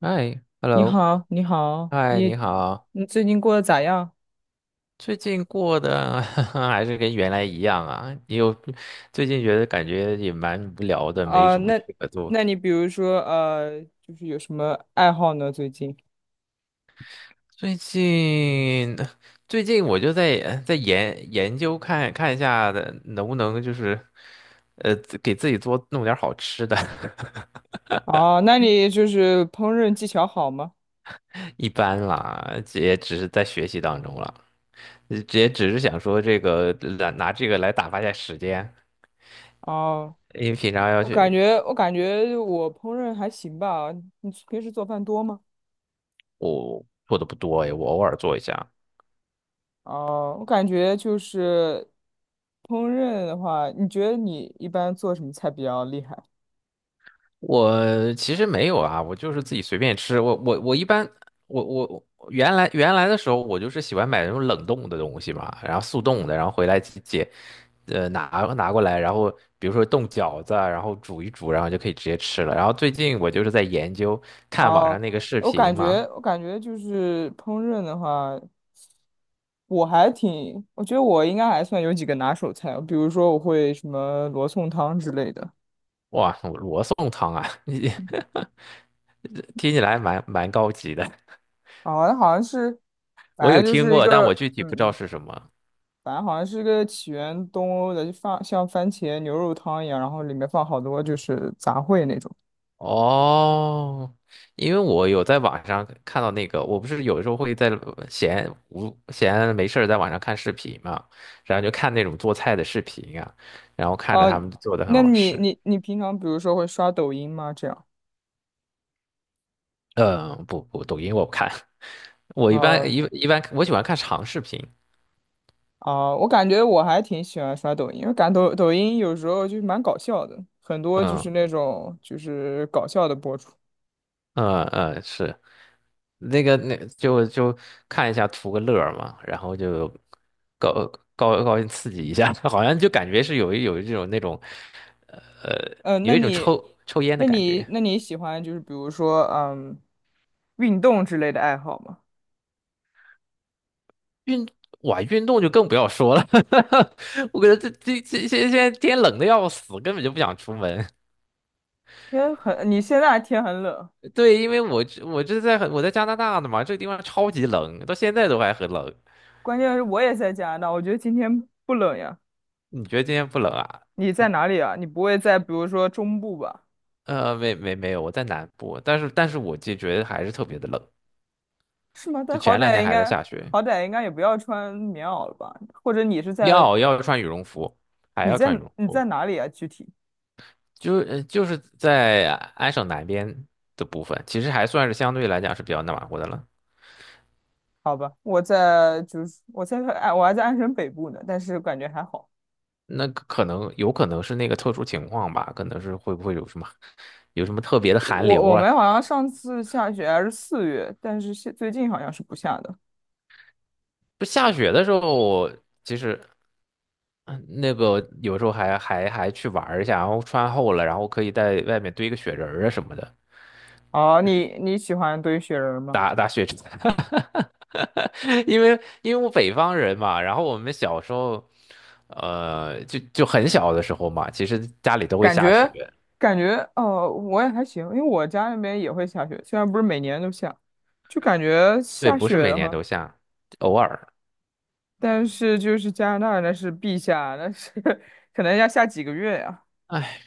嗨你，hello，好，你好，嗨，你你好，你最近过得咋样？最近过的 还是跟原来一样啊？你有最近觉得感觉也蛮无聊的，没啊、什么事那可做。那你比如说就是有什么爱好呢？最近？最近最近我就在研究看看一下的，能不能就是自给自己多弄点好吃的。啊，那你就是烹饪技巧好吗？一般啦，也只是在学习当中了，也只是想说这个拿这个来打发一下时间。哦、因为平常要我感去，觉我感觉我烹饪还行吧。你平时做饭多吗？我做的不多哎，我偶尔做一下。哦、我感觉就是烹饪的话，你觉得你一般做什么菜比较厉害？我其实没有啊，我就是自己随便吃。我一般我我原来的时候，我就是喜欢买那种冷冻的东西嘛，然后速冻的，然后回来呃拿拿过来，然后比如说冻饺子啊，然后煮一煮，然后就可以直接吃了。然后最近我就是在研究看网上哦、那个视我感频觉嘛，我感觉就是烹饪的话。我还挺，我觉得我应该还算有几个拿手菜，比如说我会什么罗宋汤之类的，哇，罗宋汤啊，听起来蛮高级的，啊，那好像是，我反有正就听是一过，但个，我具体嗯不知道嗯，是什么。反正好像是一个起源东欧的，就放像番茄牛肉汤一样，然后里面放好多就是杂烩那种。哦，因为我有在网上看到那个，我不是有时候会在闲没事儿在网上看视频嘛，然后就看那种做菜的视频啊，然后看着他哦、们做的很那好你吃。你你平常比如说会刷抖音吗？这样，嗯，不，抖音我不看，我一般啊一般我喜欢看长视频。我感觉我还挺喜欢刷抖音，因为感抖音有时候就是蛮搞笑的，很多就是嗯那种就是搞笑的博主。嗯嗯，是。那就看一下图个乐儿嘛，然后就高高兴刺激一下，好像就感觉是有一种那种呃呃，有那一种你，抽烟的感觉。那你喜欢就是比如说，嗯，运动之类的爱好吗？运哇，运动就更不要说了，我感觉得这这这现在天冷的要死，根本就不想出门。天很，你现在天很冷，对，因为我在加拿大的嘛，这个地方超级冷，到现在都还很冷。关键是我也在加拿大，我觉得今天不冷呀。你觉得今天不冷啊？你在哪里啊？你不会在比如说中部吧？呃，没有，我在南部，但是我就觉得还是特别的冷。是吗？但就好前两歹天应还在该，下雪，好歹应该也不要穿棉袄了吧？或者你是在，要穿羽绒服，还你要在穿羽绒你在服，哪里啊？具体？就是在安省南边的部分，其实还算是相对来讲是比较暖和的了。好吧，我在就是我在哎，我还在安省北部呢，但是感觉还好。那可能有可能是那个特殊情况吧，可能是会不会有什么有什么特别的寒流我我啊？们好像上次下雪还是四月，但是现最近好像是不下的。就下雪的时候，其实嗯那个有时候还去玩儿一下，然后穿厚了，然后可以在外面堆个雪人儿啊什么的。哦，你你喜欢堆雪人吗？打雪仗，因为我北方人嘛，然后我们小时候，呃，就很小的时候嘛，其实家里都会感下雪，觉感觉哦，我也还行，因为我家那边也会下雪，虽然不是每年都下，就感觉对，下不是雪每的年话，都下，偶尔。但是就是加拿大那是必下，那是 可能要下几个月呀、哎，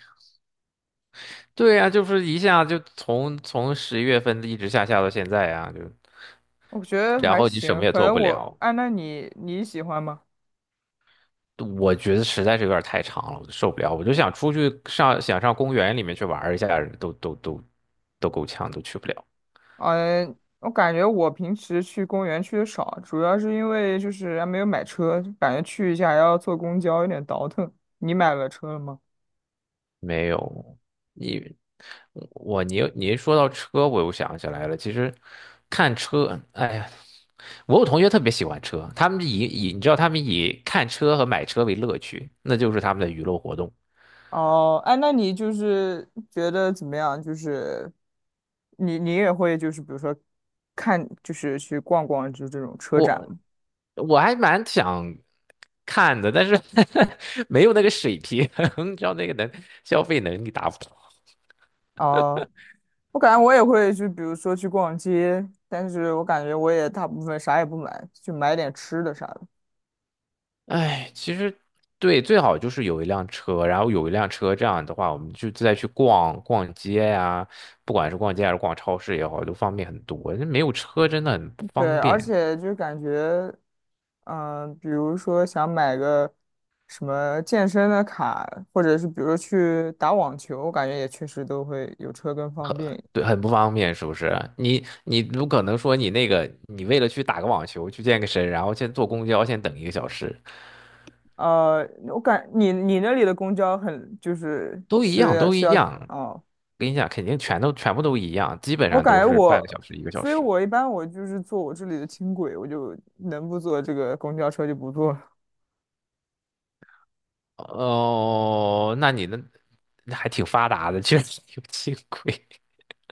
对呀，就是一下就从十一月份一直下到现在啊，就我觉得然还后你什行，么也可做能不我，了，哎，那你你喜欢吗？我觉得实在是有点太长了，我就受不了，我就想出去上公园里面去玩一下，都都都都够呛，都去不了。嗯，我感觉我平时去公园去的少，主要是因为就是还没有买车，感觉去一下还要坐公交，有点倒腾。你买了车了吗？没有，你。我你一说到车，我又想起来了。其实看车，哎呀，我有同学特别喜欢车，他们你知道他们以看车和买车为乐趣，那就是他们的娱乐活动。哦，哎，那你就是觉得怎么样？就是你你也会就是比如说看就是去逛逛就这种车展我吗？我还蛮想看的，但是 没有那个水平，你知道那个消费能力达不到。哦，我感觉我也会就比如说去逛街，但是我感觉我也大部分啥也不买，就买点吃的啥的。哎，其实对，最好就是有一辆车，这样的话，我们就再去逛逛街呀、不管是逛街还是逛超市也好，都方便很多。那没有车真的很不方对，而便，且就感觉，嗯、比如说想买个什么健身的卡，或者是比如说去打网球，我感觉也确实都会有车更方便一点。对，很不方便，是不是？你不可能说你那个，你为了去打个网球，去健个身，然后先坐公交，先等一个小时，我感你你那里的公交很就是都一样，是都需一要样。哦，跟你讲，肯定全部都一样，基本我上感都觉是半个我，小时一个小所以时。我一般我就是坐我这里的轻轨，我就能不坐这个公交车就不坐了哦，那你的那还挺发达的，居然有轻轨，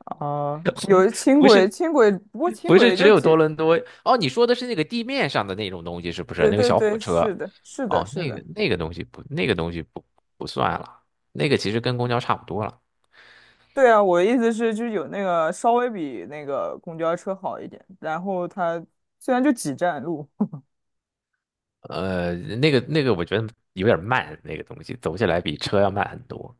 啊、我有轻不轨，是轻轨，不过轻不轨是也只就有多几，伦多哦？你说的是那个地面上的那种东西是不是？对那个对小火对，是车？的，是的，哦，是那的。个那个东西不，那个东西不算了，那个其实跟公交差不多了。对啊，我的意思是，就是有那个稍微比那个公交车好一点，然后它虽然就几站路，呃，那个我觉得有点慢，那个东西走起来比车要慢很多。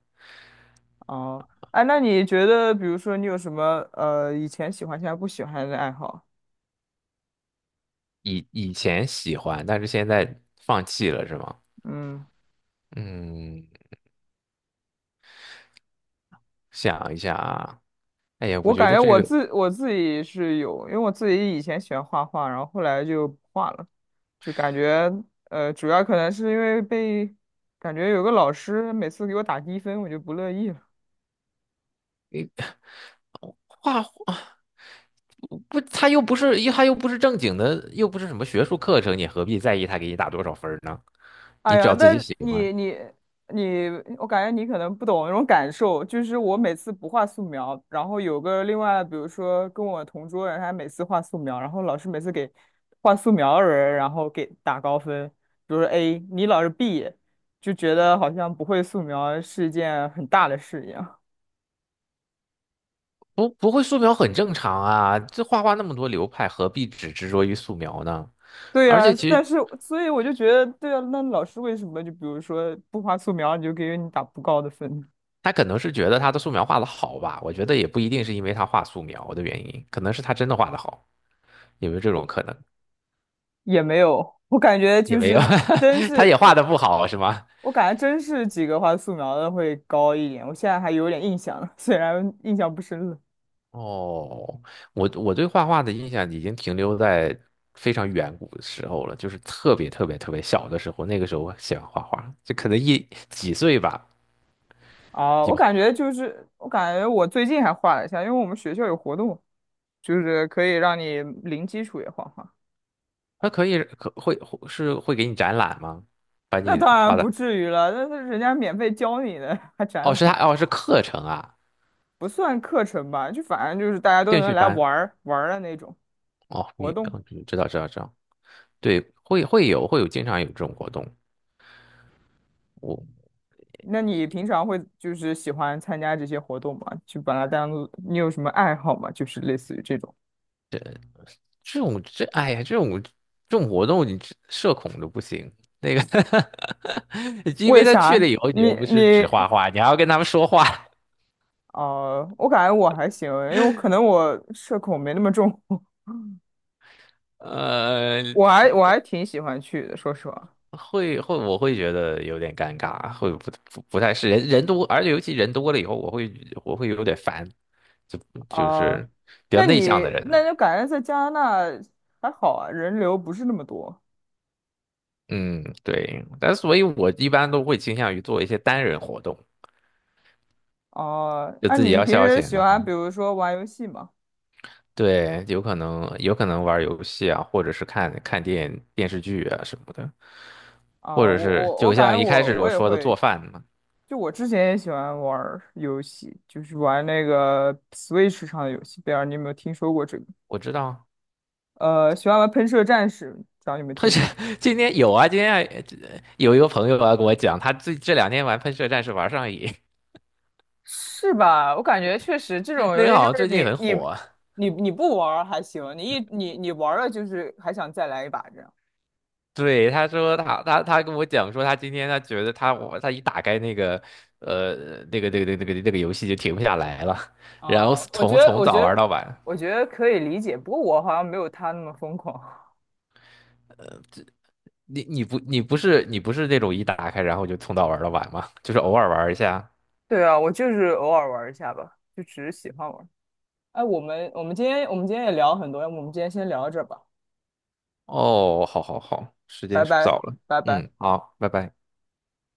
哦，哎，那你觉得，比如说你有什么以前喜欢现在不喜欢的爱好？以前喜欢，但是现在放弃了是吗？嗯，嗯，想一下。啊。哎呀，我我觉感得觉这我个自我自己是有，因为我自己以前喜欢画画，然后后来就不画了，就感觉主要可能是因为被感觉有个老师每次给我打低分，我就不乐意。了。画画不，他又不是正经的，又不是什么学术课程，你何必在意他给你打多少分儿呢？你哎只呀，要自那己喜欢，你你你，我感觉你可能不懂那种感受，就是我每次不画素描，然后有个另外，比如说跟我同桌人，他每次画素描，然后老师每次给画素描的人，然后给打高分，比如说 A，你老是 B，就觉得好像不会素描是一件很大的事一样。不会素描很正常啊。这画画那么多流派，何必只执着于素描呢？对而呀，且其但实是所以我就觉得，对啊，那老师为什么就比如说不画素描，你就给你打不高的分？他可能是觉得他的素描画的好吧，我觉得也不一定是因为他画素描的原因，可能是他真的画的好，有没有这种可能？也没有，我感觉也就没有，是真 他也是画这的不好是吗？我感觉真是几个画素描的会高一点，我现在还有点印象了，虽然印象不深了。哦，我对画画的印象已经停留在非常远古的时候了，就是特别小的时候，那个时候我喜欢画画，就可能一几岁吧，啊，我有，感觉就是，我感觉我最近还画了一下，因为我们学校有活动，就是可以让你零基础也画画。他可以可会会是会给你展览吗？把那你当然画的，不至于了，那是人家免费教你的，还展哦，是他览，哦是课程啊，不算课程吧，就反正就是大家都兴能趣来班，玩儿玩儿的那种哦，活动。知道知道知道，对，会有经常有这种活动，我。那你平常会就是喜欢参加这些活动吗？就把它当做你有什么爱好吗？就是类似于这种。这种这种活动你这社恐都不行。那个 因为为他去啥？了以后，你你又不你是只画画，你还要跟他们说话，哦、我感觉我还行，因为我可能我社恐没那么重，呃，我还挺喜欢去的，说实话。我会觉得有点尴尬，会不太是人人多，而且尤其人多了以后，我会有点烦，就啊、是比较那内向你的人那嘛。就感觉在加拿大还好啊，人流不是那么多。嗯，对，但所以我一般都会倾向于做一些单人活动，哦、就那、自己你要平消时遣，喜的欢比如说玩游戏吗？对，有可能玩儿游戏啊，或者是看看电视剧啊什么的，或啊、我者是我我就感像觉一开我始我我也说的会，做饭嘛，就我之前也喜欢玩儿游戏，就是玩那个 Switch 上的游戏，不知道你有没有听说过这个？我知道，呃，喜欢玩喷射战士，不知道你有没有喷听射 过？今天有啊，今天还有一个朋友啊跟我讲，他最这两天玩喷射战士玩上瘾，是吧？我感觉确实这 种那游个戏就好像是最近你很你火啊。你你不玩儿还行，你一你你玩儿了就是还想再来一把这样。对，他说他跟我讲说，他今天他觉得他一打开那个呃那个游戏就停不下来了，然后哦、从从早玩到晚。我觉得可以理解，不过我好像没有他那么疯狂。你不是你不是那种一打开然后就从早玩到晚吗？就是偶尔玩一下。对啊，我就是偶尔玩一下吧，就只是喜欢玩儿。哎，我们今天也聊很多，要不我们今天先聊到这儿吧，哦，好好好，时间拜是不拜早了。拜拜。嗯，好，拜拜。